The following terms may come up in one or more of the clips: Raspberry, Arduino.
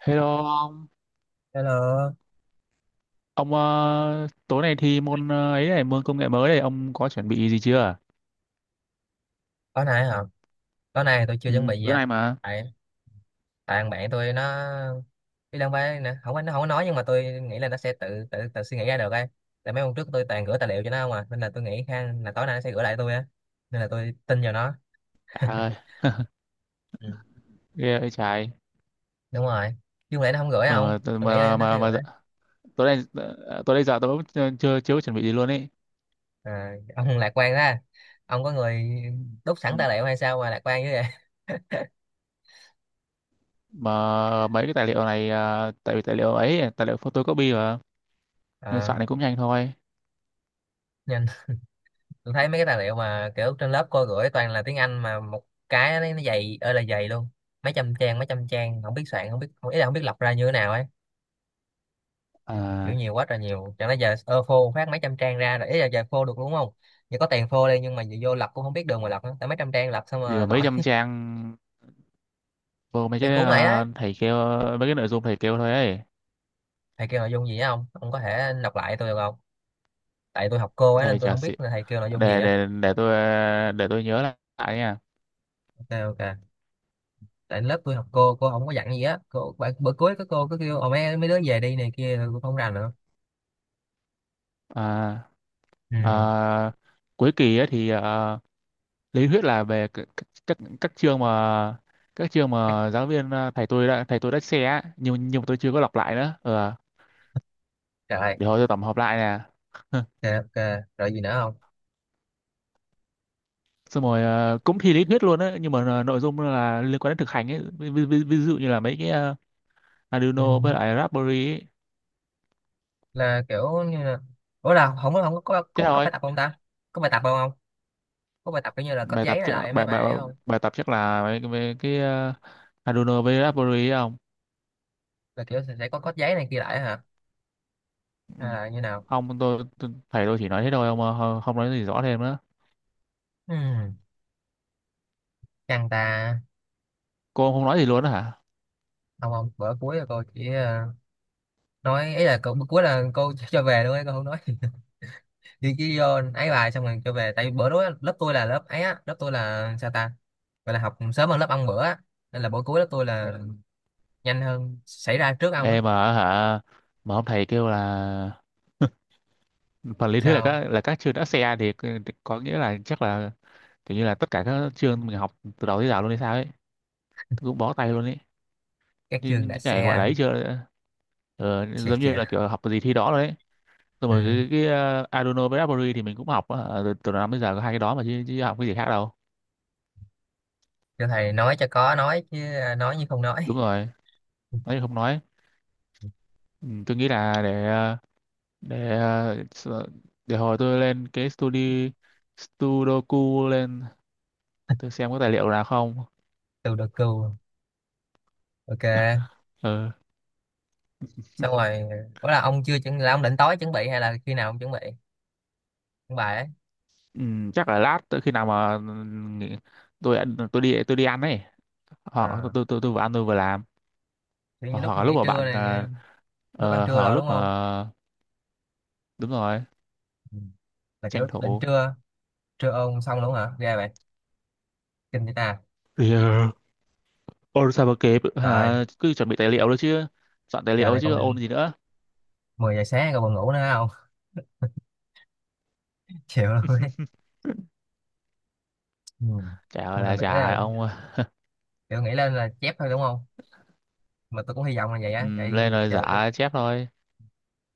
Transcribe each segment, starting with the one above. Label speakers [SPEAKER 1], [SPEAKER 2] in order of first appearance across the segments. [SPEAKER 1] Hello ông,
[SPEAKER 2] Hello,
[SPEAKER 1] ông tối nay thi môn ấy này, môn công nghệ mới này, ông có chuẩn bị gì chưa?
[SPEAKER 2] tối nay hả? Tối nay tôi chưa
[SPEAKER 1] Ừ,
[SPEAKER 2] chuẩn bị gì
[SPEAKER 1] tối
[SPEAKER 2] á.
[SPEAKER 1] nay mà.
[SPEAKER 2] Tại tại thằng bạn tôi nó đi đang phải nè, không có nó không có nói nhưng mà tôi nghĩ là nó sẽ tự tự tự suy nghĩ ra được ấy. Tại mấy hôm trước tôi toàn gửi tài liệu cho nó không à, nên là tôi nghĩ khá là tối nay nó sẽ gửi lại tôi á. Nên là tôi tin vào nó.
[SPEAKER 1] À, ơi,
[SPEAKER 2] Ừ.
[SPEAKER 1] ghê ơi trái.
[SPEAKER 2] Đúng rồi. Nhưng mà nó không gửi không?
[SPEAKER 1] Ờ, t-
[SPEAKER 2] Tôi nghĩ là
[SPEAKER 1] mà
[SPEAKER 2] nó
[SPEAKER 1] mà
[SPEAKER 2] sẽ
[SPEAKER 1] mà dạ-
[SPEAKER 2] gửi.
[SPEAKER 1] Tối nay tối nay giờ tôi cũng chưa chưa chưa có chuẩn bị gì luôn ấy.
[SPEAKER 2] À, ông lạc quan ra. Ông có người đúc
[SPEAKER 1] Ừ.
[SPEAKER 2] sẵn tài liệu hay sao mà lạc quan như vậy?
[SPEAKER 1] Mà mấy cái tài liệu này tại vì tài liệu ấy, tài liệu photocopy mà nên
[SPEAKER 2] Ờ,
[SPEAKER 1] soạn này cũng nhanh thôi.
[SPEAKER 2] nhưng tôi thấy mấy cái tài liệu mà kiểu trên lớp cô gửi toàn là tiếng Anh mà một cái nó dày ơi là dày luôn, mấy trăm trang không biết soạn không biết, không, ý là không biết lọc ra như thế nào ấy, kiểu
[SPEAKER 1] À,
[SPEAKER 2] nhiều quá trời nhiều, chẳng lẽ giờ ơ phô phát mấy trăm trang ra rồi, ý là giờ phô được đúng không, giờ có tiền phô đi nhưng mà giờ vô lọc cũng không biết đường mà lọc nữa, tại mấy trăm trang lọc xong
[SPEAKER 1] gì
[SPEAKER 2] mà
[SPEAKER 1] mà mấy
[SPEAKER 2] nổi.
[SPEAKER 1] trăm trang vô mấy
[SPEAKER 2] Cái
[SPEAKER 1] cái
[SPEAKER 2] cuốn này đó,
[SPEAKER 1] thầy kêu, mấy cái nội dung thầy kêu thôi ấy.
[SPEAKER 2] thầy kêu nội dung gì á, không ông có thể đọc lại tôi được không, tại tôi học cô ấy
[SPEAKER 1] Đây
[SPEAKER 2] nên tôi
[SPEAKER 1] chả
[SPEAKER 2] không
[SPEAKER 1] xị.
[SPEAKER 2] biết là thầy kêu nội dung gì
[SPEAKER 1] Để
[SPEAKER 2] á.
[SPEAKER 1] để để tôi nhớ lại nha.
[SPEAKER 2] Ok ok, tại lớp tôi học cô không có dặn gì á, cô bữa, bữa cuối có cô cứ kêu ồ mấy mấy đứa về đi này kia tôi không rành nữa.
[SPEAKER 1] À.
[SPEAKER 2] Ừ.
[SPEAKER 1] Ờ, Cuối kỳ ấy thì lý thuyết là về các chương mà, các chương
[SPEAKER 2] Cái-
[SPEAKER 1] mà giáo viên thầy tôi đã share á, nhưng mà tôi chưa có đọc lại nữa. Ờ,
[SPEAKER 2] trời.
[SPEAKER 1] để hồi tôi tổng hợp lại nè,
[SPEAKER 2] Dạ, ok rồi gì nữa không.
[SPEAKER 1] xong rồi cũng thi lý thuyết luôn á, nhưng mà nội dung là liên quan đến thực hành ấy, ví dụ như là mấy cái
[SPEAKER 2] Ừ.
[SPEAKER 1] Arduino với lại Raspberry ấy.
[SPEAKER 2] Là kiểu như là, ủa là không có không có, có
[SPEAKER 1] Thế
[SPEAKER 2] có có bài
[SPEAKER 1] thôi.
[SPEAKER 2] tập không ta, có bài tập không không, có bài tập kiểu như là cóp
[SPEAKER 1] bài tập
[SPEAKER 2] giấy này
[SPEAKER 1] chắc-
[SPEAKER 2] lại mấy
[SPEAKER 1] bài
[SPEAKER 2] bài
[SPEAKER 1] bài
[SPEAKER 2] đấy không,
[SPEAKER 1] Bài tập chắc là mấy cái Arduino với Raspberry ấy không?
[SPEAKER 2] là kiểu sẽ có cóp giấy này kia lại hả,
[SPEAKER 1] Ừ.
[SPEAKER 2] hay là như nào.
[SPEAKER 1] Không, tôi, tôi thầy tôi chỉ nói thế thôi, không không không nói gì rõ thêm nữa.
[SPEAKER 2] Ừ. Căng ta.
[SPEAKER 1] Cô không nói gì luôn á hả?
[SPEAKER 2] Không không, bữa cuối là cô chỉ nói ấy là cô, bữa cuối là cô cho về luôn ấy, cô không nói. Đi chỉ vô ấy bài xong rồi cho về, tại vì bữa đó lớp tôi là lớp ấy á, lớp tôi là sao ta, gọi là học sớm hơn lớp ông bữa á, nên là bữa cuối lớp tôi là nhanh hơn, xảy ra trước ông á.
[SPEAKER 1] Em mà hả, mà ông thầy kêu là phần lý thuyết là
[SPEAKER 2] Sao
[SPEAKER 1] các chương ASEAN, thì có nghĩa là chắc là kiểu như là tất cả các chương mình học từ đầu tới giờ luôn hay sao ấy, cũng bó tay luôn ấy.
[SPEAKER 2] các
[SPEAKER 1] như,
[SPEAKER 2] chương đạp
[SPEAKER 1] như này gọi là
[SPEAKER 2] xe.
[SPEAKER 1] ấy chưa, ờ,
[SPEAKER 2] Thiệt
[SPEAKER 1] giống
[SPEAKER 2] chị
[SPEAKER 1] như là
[SPEAKER 2] ạ.
[SPEAKER 1] kiểu học gì thi đó rồi ấy. Rồi
[SPEAKER 2] Ừ.
[SPEAKER 1] mà cái Arduino với Raspberry thì mình cũng học á, từ năm tới giờ có hai cái đó mà chứ, chứ học cái gì khác đâu.
[SPEAKER 2] Cho thầy nói cho có nói chứ, à, nói như không nói.
[SPEAKER 1] Đúng rồi, nói thì không nói. Ừ, tôi nghĩ là để để ờ, s- ờ, để hồi tôi lên cái studio Sudoku lên, để tôi xem có tài liệu nào không.
[SPEAKER 2] Từ được cừu. Ok
[SPEAKER 1] Ờ.
[SPEAKER 2] xong rồi, có là ông chưa chuẩn, là ông định tối chuẩn bị hay là khi nào ông chuẩn bị, chuẩn bài ấy.
[SPEAKER 1] Ừ, chắc là lát tới khi nào mà nghỉ- tôi đi ăn ấy, họ tôi
[SPEAKER 2] À
[SPEAKER 1] tôi tôi, tôi vừa ăn tôi vừa làm.
[SPEAKER 2] kiểu như lúc
[SPEAKER 1] Hoặc là
[SPEAKER 2] nghỉ
[SPEAKER 1] lúc mà
[SPEAKER 2] trưa
[SPEAKER 1] bạn
[SPEAKER 2] này, lúc ăn trưa
[SPEAKER 1] hoặc là
[SPEAKER 2] rồi đúng
[SPEAKER 1] lúc mà
[SPEAKER 2] không.
[SPEAKER 1] đúng rồi,
[SPEAKER 2] Ừ, là
[SPEAKER 1] tranh
[SPEAKER 2] kiểu định
[SPEAKER 1] thủ.
[SPEAKER 2] trưa, trưa ôn xong luôn hả ra vậy, kinh vậy ta.
[SPEAKER 1] Yeah. Ôn sao mà kịp
[SPEAKER 2] Trời,
[SPEAKER 1] hả? Cứ chuẩn bị tài liệu nữa chứ, soạn tài
[SPEAKER 2] giờ
[SPEAKER 1] liệu
[SPEAKER 2] này
[SPEAKER 1] chứ
[SPEAKER 2] còn
[SPEAKER 1] ôn gì nữa.
[SPEAKER 2] 10 giờ sáng còn buồn ngủ nữa không. Chịu luôn ấy. Ừ.
[SPEAKER 1] Chả ơi
[SPEAKER 2] Thôi mình
[SPEAKER 1] là
[SPEAKER 2] nghĩ
[SPEAKER 1] chả
[SPEAKER 2] là
[SPEAKER 1] ông.
[SPEAKER 2] kiểu nghĩ lên là chép thôi đúng không, mà tôi cũng hy vọng là vậy á tại
[SPEAKER 1] Lên
[SPEAKER 2] vì
[SPEAKER 1] rồi
[SPEAKER 2] giờ,
[SPEAKER 1] giả chép thôi.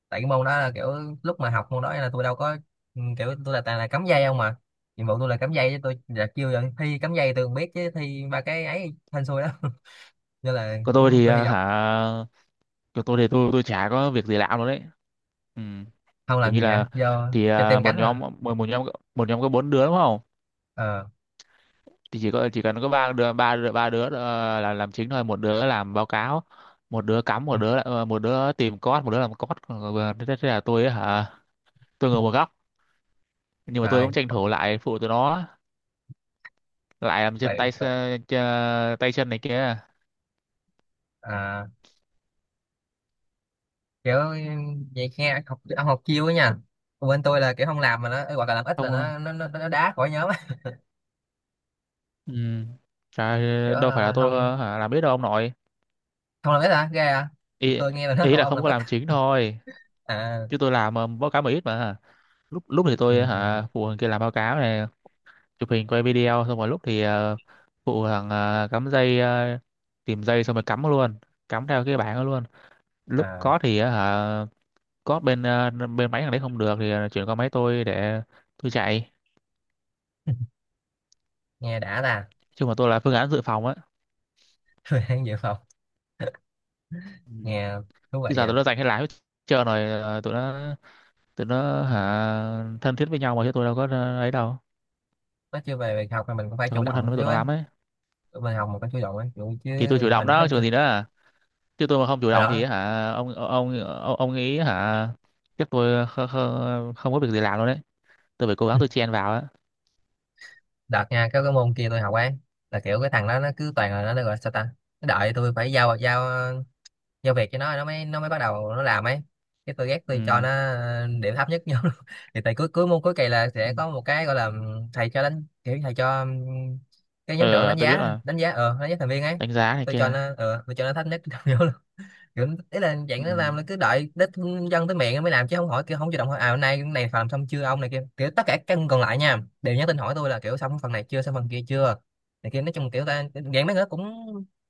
[SPEAKER 2] tại cái môn đó là kiểu lúc mà học môn đó là tôi đâu có, ừ, kiểu tôi là toàn là cắm dây không mà, nhiệm vụ tôi là cắm dây chứ tôi là chưa giờ thi cắm dây tôi không biết chứ thi ba cái ấy hên xui đó. Nên là
[SPEAKER 1] còn tôi
[SPEAKER 2] cũng
[SPEAKER 1] thì
[SPEAKER 2] tôi hy
[SPEAKER 1] ờ,
[SPEAKER 2] vọng.
[SPEAKER 1] hả còn tôi thì tôi chả có việc gì làm luôn đấy. Ừ.
[SPEAKER 2] Không
[SPEAKER 1] Kiểu
[SPEAKER 2] làm
[SPEAKER 1] như
[SPEAKER 2] gì hả
[SPEAKER 1] là
[SPEAKER 2] do
[SPEAKER 1] thì
[SPEAKER 2] cho
[SPEAKER 1] à,
[SPEAKER 2] tem
[SPEAKER 1] một
[SPEAKER 2] cánh hả.
[SPEAKER 1] nhóm một, một nhóm một nhóm có bốn đứa đúng không,
[SPEAKER 2] Ờ
[SPEAKER 1] thì chỉ cần có ba đứa là làm chính thôi, một đứa làm báo cáo, một đứa cắm, một đứa một đứa tìm code, một đứa làm code. Thế là tôi ấy hả, tôi ngồi một góc, nhưng mà tôi cũng
[SPEAKER 2] rồi
[SPEAKER 1] tranh thủ lại phụ tụi nó, lại làm
[SPEAKER 2] tự,
[SPEAKER 1] chân tay
[SPEAKER 2] tự
[SPEAKER 1] tay chân này kia.
[SPEAKER 2] à, kiểu vậy nghe, học ông học chiêu ấy nha. Còn bên tôi là kiểu không làm mà nó hoặc là làm ít là
[SPEAKER 1] Không,
[SPEAKER 2] nó đá khỏi nhóm á.
[SPEAKER 1] ừ.
[SPEAKER 2] Kiểu
[SPEAKER 1] Trời, đâu phải là tôi
[SPEAKER 2] không,
[SPEAKER 1] làm biết đâu ông nội.
[SPEAKER 2] không làm ít hả ghê à,
[SPEAKER 1] ý,
[SPEAKER 2] tôi nghe là nó
[SPEAKER 1] ý
[SPEAKER 2] không
[SPEAKER 1] là
[SPEAKER 2] ông
[SPEAKER 1] không
[SPEAKER 2] làm
[SPEAKER 1] có
[SPEAKER 2] ít.
[SPEAKER 1] làm chính thôi,
[SPEAKER 2] À,
[SPEAKER 1] chứ tôi làm báo cáo mà ít mà. Lúc lúc thì
[SPEAKER 2] ừ,
[SPEAKER 1] tôi
[SPEAKER 2] ừ.
[SPEAKER 1] hả phụ thằng kia làm báo cáo này, chụp hình quay video, xong rồi lúc thì phụ thằng cắm dây, tìm dây xong rồi cắm luôn, cắm theo cái bảng đó luôn. Lúc
[SPEAKER 2] À.
[SPEAKER 1] có thì ờ, hả có bên bên máy thằng đấy không được thì chuyển qua máy tôi để tôi chạy.
[SPEAKER 2] Nghe đã ta.
[SPEAKER 1] Chứ mà tôi là phương án dự phòng á.
[SPEAKER 2] Thời gian dự phòng.
[SPEAKER 1] Ừ.
[SPEAKER 2] Nghe thú
[SPEAKER 1] Chứ
[SPEAKER 2] vị
[SPEAKER 1] giờ
[SPEAKER 2] nha.
[SPEAKER 1] tụi nó giành hết, lái hết trơn rồi tụi nó tụi nó
[SPEAKER 2] Ừ.
[SPEAKER 1] hả thân thiết với nhau mà, chứ tôi đâu có ấy đâu.
[SPEAKER 2] Nói chưa về việc học thì mình cũng phải
[SPEAKER 1] Tôi
[SPEAKER 2] chủ
[SPEAKER 1] không có
[SPEAKER 2] động
[SPEAKER 1] thân
[SPEAKER 2] một
[SPEAKER 1] với tụi
[SPEAKER 2] xíu
[SPEAKER 1] nó
[SPEAKER 2] ấy,
[SPEAKER 1] lắm ấy.
[SPEAKER 2] tụi mình học một cái chủ động ấy kiểu chứ.
[SPEAKER 1] Thì tôi chủ động
[SPEAKER 2] Hình đó.
[SPEAKER 1] đó chứ còn gì nữa à. Chứ tôi mà không chủ
[SPEAKER 2] Hồi
[SPEAKER 1] động thì
[SPEAKER 2] đó
[SPEAKER 1] hả, ông nghĩ hả, chắc tôi không có việc gì làm luôn đấy, tôi phải cố gắng tôi chen vào á.
[SPEAKER 2] đợt nha cái môn kia tôi học ấy, là kiểu cái thằng đó nó cứ toàn là nó gọi sao ta, nó đợi tôi phải giao giao giao việc cho nó, nó mới bắt đầu nó làm ấy, cái tôi ghét tôi cho
[SPEAKER 1] Ừ.
[SPEAKER 2] nó điểm thấp nhất nhau. Thì tại cuối cuối môn cuối kỳ là
[SPEAKER 1] Ừ.
[SPEAKER 2] sẽ có một cái gọi là thầy cho đánh kiểu thầy cho cái nhóm trưởng
[SPEAKER 1] Ờ
[SPEAKER 2] đánh
[SPEAKER 1] tôi biết
[SPEAKER 2] giá
[SPEAKER 1] mà,
[SPEAKER 2] đánh giá thành viên ấy,
[SPEAKER 1] đánh giá này
[SPEAKER 2] tôi
[SPEAKER 1] kia
[SPEAKER 2] cho
[SPEAKER 1] đâu.
[SPEAKER 2] nó tôi cho nó thấp nhất. Kiểu, ý là dạng
[SPEAKER 1] Ừ.
[SPEAKER 2] nó làm là cứ đợi đến dân tới miệng mới làm chứ không hỏi kiểu không chủ động hỏi, à hôm nay cái này phần làm xong chưa ông này kia, kiểu tất cả các còn lại nha đều nhắn tin hỏi tôi là kiểu xong phần này chưa xong phần kia chưa này kia, nói chung kiểu ta dạng mấy người đó cũng,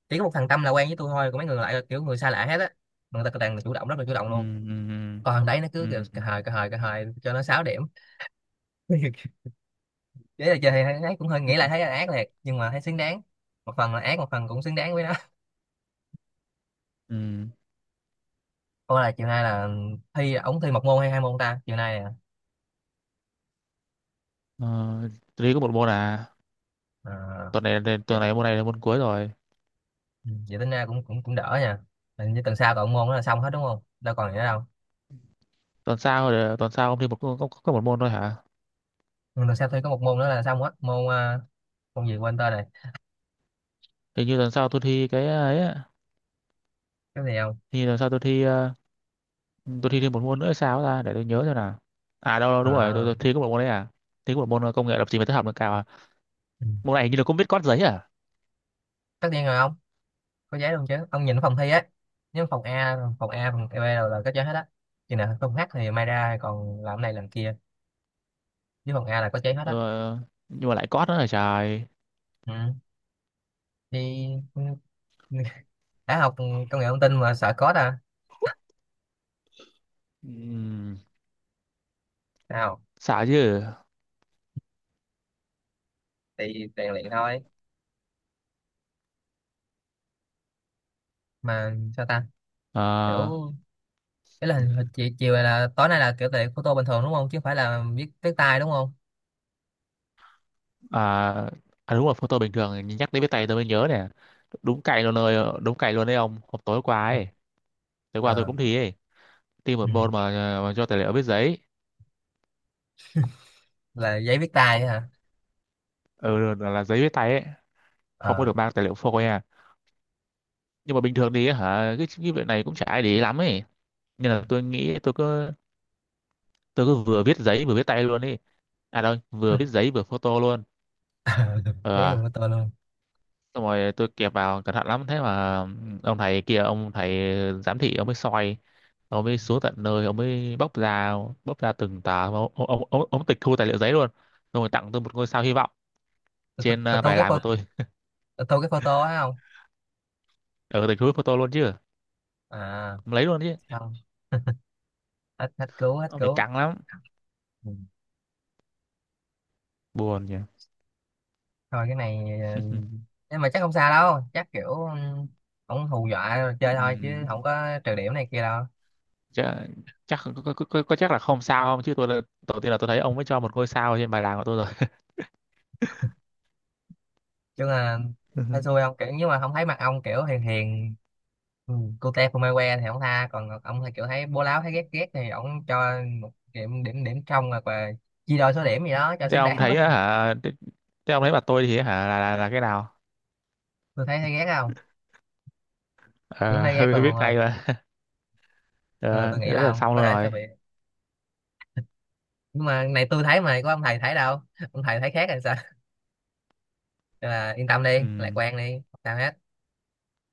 [SPEAKER 2] chỉ có một thằng Tâm là quen với tôi thôi còn mấy người lại là kiểu người xa lạ hết á, mà người ta toàn là chủ động rất là chủ động
[SPEAKER 1] Ừ.
[SPEAKER 2] luôn,
[SPEAKER 1] Ừ.
[SPEAKER 2] còn thằng đấy nó cứ kiểu
[SPEAKER 1] Ừ. Ừ.
[SPEAKER 2] cà hời cà hời cà hời cho nó 6 điểm. Thế là chơi thì ấy cũng hơi nghĩ lại thấy là ác liệt nhưng mà thấy xứng đáng, một phần là ác một phần cũng xứng đáng với nó.
[SPEAKER 1] Ừ.
[SPEAKER 2] Ủa là chiều nay là thi ống thi một môn hay hai môn ta chiều nay nè?
[SPEAKER 1] Ờ, tôi có một môn à,
[SPEAKER 2] À,
[SPEAKER 1] tuần này, tuần
[SPEAKER 2] vậy.
[SPEAKER 1] này môn này là môn cuối rồi.
[SPEAKER 2] Ừ, vậy tính ra cũng cũng cũng đỡ nha, hình như tuần sau còn môn đó là xong hết đúng không đâu còn gì nữa đâu.
[SPEAKER 1] Tuần sau, tuần sau ông thi có một môn thôi hả?
[SPEAKER 2] Ừ, tuần sau tôi có một môn nữa là xong hết môn, à, môn gì quên tên này.
[SPEAKER 1] Hình như tuần sau tôi thi cái ấy á.
[SPEAKER 2] Cái gì không.
[SPEAKER 1] Hình như tuần sau tôi thi tôi thi thêm một môn nữa hay sao ta, để tôi nhớ xem nào. À đâu đúng rồi, tôi,
[SPEAKER 2] À,
[SPEAKER 1] tôi thi có một môn đấy à, thi có một môn công nghệ lập trình và tích hợp nâng cao à.
[SPEAKER 2] ừ.
[SPEAKER 1] Môn này hình như là cũng biết code giấy à.
[SPEAKER 2] Tất nhiên rồi ông, có giấy luôn chứ ông, nhìn phòng thi á, nếu phòng A phòng A phòng E B đều là có giấy hết á, chừng nào phòng H thì may ra còn làm này làm kia, với phòng A là có giấy hết á.
[SPEAKER 1] Ờ, nhưng mà lại code nữa là trời.
[SPEAKER 2] Ừ. Thì đã học công nghệ thông tin mà sợ code à,
[SPEAKER 1] Ừm,
[SPEAKER 2] sao
[SPEAKER 1] sợ chứ.
[SPEAKER 2] thì rèn luyện thôi mà sao ta kiểu.
[SPEAKER 1] Ờ,
[SPEAKER 2] Cái là hình chiều này là tối nay là kiểu tiện photo bình thường đúng không? Chứ không phải là viết viết tay đúng không?
[SPEAKER 1] à, à đúng rồi, photo bình thường, nhắc đến với tay tôi mới nhớ nè, đúng cày luôn rồi, đúng cày luôn đấy ông. Hôm tối qua ấy, tối qua tôi
[SPEAKER 2] Ờ.
[SPEAKER 1] cũng thi ấy, thi
[SPEAKER 2] Ừ.
[SPEAKER 1] một môn mà, mà cho tài liệu viết giấy.
[SPEAKER 2] Là giấy viết tay ấy hả?
[SPEAKER 1] Ừ, là giấy viết tay ấy. Không có
[SPEAKER 2] Ờ.
[SPEAKER 1] được mang tài liệu phôi nha, nhưng mà bình thường thì hả cái việc này cũng chả ai để ý lắm ấy, nên là tôi nghĩ tôi cứ vừa viết giấy vừa viết tay luôn đi. À đâu, vừa viết giấy vừa photo luôn.
[SPEAKER 2] Giấy mà
[SPEAKER 1] Ờ,
[SPEAKER 2] photo luôn.
[SPEAKER 1] xong rồi tôi kẹp vào cẩn thận lắm, thế mà ông thầy kia ông thầy giám thị ông mới soi, ông mới xuống tận nơi, ông mới bóc ra, bóc ra từng tờ, ông tịch thu tài liệu giấy luôn, xong rồi tặng tôi một ngôi sao hy vọng
[SPEAKER 2] Tôi
[SPEAKER 1] trên
[SPEAKER 2] tôi- thu
[SPEAKER 1] bài
[SPEAKER 2] cái
[SPEAKER 1] làm của
[SPEAKER 2] photo,
[SPEAKER 1] tôi.
[SPEAKER 2] tôi thu cái photo á không?
[SPEAKER 1] Ở tịch thu photo luôn chứ,
[SPEAKER 2] À
[SPEAKER 1] ông lấy luôn chứ.
[SPEAKER 2] không. Hết hết cứu hết
[SPEAKER 1] Ông này
[SPEAKER 2] cứu.
[SPEAKER 1] căng lắm,
[SPEAKER 2] Ừ.
[SPEAKER 1] buồn nhỉ.
[SPEAKER 2] Thôi cái này ờ, nhưng mà chắc không sao đâu, chắc kiểu ừ, không hù dọa rồi chơi thôi
[SPEAKER 1] Ừm,
[SPEAKER 2] chứ không có trừ điểm này kia đâu.
[SPEAKER 1] chắc, chắc chắc là không sao, không chứ tôi là- đầu tiên là tôi thấy ông mới cho một ngôi sao trên bài làm của tôi rồi.
[SPEAKER 2] Chứ là
[SPEAKER 1] Ừ.
[SPEAKER 2] thấy xui không kiểu nhưng mà không thấy mặt ông kiểu hiền hiền, ừ, cute không ai que thì ông tha, còn ông thì kiểu thấy bố láo thấy ghét ghét thì ông cho một điểm điểm điểm trong rồi và chia đôi số điểm gì đó cho
[SPEAKER 1] Thế
[SPEAKER 2] xứng
[SPEAKER 1] ông
[SPEAKER 2] đáng quá.
[SPEAKER 1] thấy á hả, thế ông thấy bà tôi thì hả là cái nào.
[SPEAKER 2] Tôi thấy thấy ghét không, chúng
[SPEAKER 1] Ờ,
[SPEAKER 2] thấy ghét luôn
[SPEAKER 1] biết
[SPEAKER 2] ông ơi.
[SPEAKER 1] ngay mà.
[SPEAKER 2] Ờ, tôi
[SPEAKER 1] Ờ,
[SPEAKER 2] nghĩ
[SPEAKER 1] thế
[SPEAKER 2] là
[SPEAKER 1] là
[SPEAKER 2] ông
[SPEAKER 1] xong
[SPEAKER 2] có
[SPEAKER 1] luôn
[SPEAKER 2] thể sẽ
[SPEAKER 1] rồi.
[SPEAKER 2] bị, nhưng mà này tôi thấy mà có ông thầy thấy đâu ông thầy thấy khác hay sao. Nên là yên tâm đi
[SPEAKER 1] Ừ.
[SPEAKER 2] lạc quan đi không sao hết,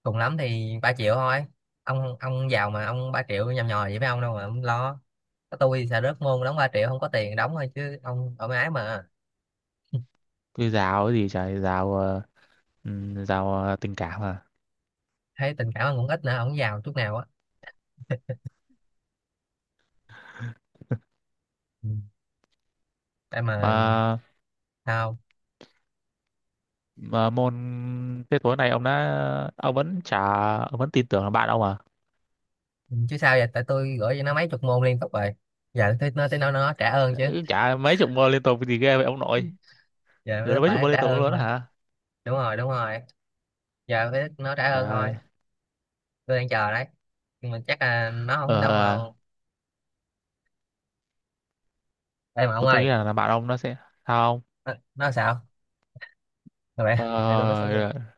[SPEAKER 2] cùng lắm thì 3 triệu thôi, ông giàu mà, ông 3 triệu nhầm nhòi vậy với ông đâu mà ông lo, có tôi xà rớt môn đóng 3 triệu không có tiền đóng thôi chứ ông ở mái mà.
[SPEAKER 1] Tôi giáo cái gì trời, giáo giáo tình cảm à.
[SPEAKER 2] Thấy tình cảm ông cũng ít nữa, ông giàu chút nào á. Ừ. Đây mà.
[SPEAKER 1] mà
[SPEAKER 2] Sao.
[SPEAKER 1] mà môn, thế tối nay ông đã, ông vẫn chả, ông vẫn tin tưởng là bạn ông à.
[SPEAKER 2] Ừ, chứ sao vậy, tại tôi gửi cho nó mấy chục môn liên tục rồi giờ tới nó nó trả ơn chứ,
[SPEAKER 1] Ừ, chả mấy chục môn liên tục thì ghê vậy ông nội.
[SPEAKER 2] giờ
[SPEAKER 1] Rồi
[SPEAKER 2] nó
[SPEAKER 1] nó mấy chục
[SPEAKER 2] phải
[SPEAKER 1] môn
[SPEAKER 2] trả
[SPEAKER 1] liên tục
[SPEAKER 2] ơn
[SPEAKER 1] luôn đó
[SPEAKER 2] thôi.
[SPEAKER 1] hả.
[SPEAKER 2] Đúng rồi đúng rồi, giờ phải nó trả
[SPEAKER 1] Trời
[SPEAKER 2] ơn thôi.
[SPEAKER 1] ơi.
[SPEAKER 2] Tôi đang chờ đấy, nhưng mà chắc là nó
[SPEAKER 1] ờ
[SPEAKER 2] không đâu mà.
[SPEAKER 1] ờ,
[SPEAKER 2] Đây mà ông
[SPEAKER 1] tôi nghĩ
[SPEAKER 2] ơi.
[SPEAKER 1] là bạn ông nó sẽ, sao không.
[SPEAKER 2] Nó sao vậy
[SPEAKER 1] ờ,
[SPEAKER 2] tại tôi nó sẽ.
[SPEAKER 1] ờ,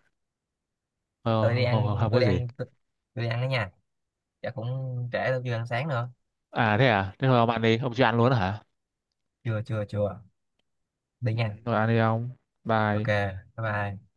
[SPEAKER 1] ờ,
[SPEAKER 2] tôi đi
[SPEAKER 1] không, không,
[SPEAKER 2] ăn
[SPEAKER 1] không, không,
[SPEAKER 2] tôi
[SPEAKER 1] có
[SPEAKER 2] đi
[SPEAKER 1] gì.
[SPEAKER 2] ăn tôi, tôi đi ăn đó nhà, chắc cũng trễ tôi chưa ăn sáng nữa.
[SPEAKER 1] À? Thế thôi ông ăn đi, ông chưa ăn luôn hả?
[SPEAKER 2] Chưa chưa chưa, đi
[SPEAKER 1] Ừ,
[SPEAKER 2] nha.
[SPEAKER 1] thôi ăn đi ông.
[SPEAKER 2] Ok
[SPEAKER 1] Bye.
[SPEAKER 2] bye bye.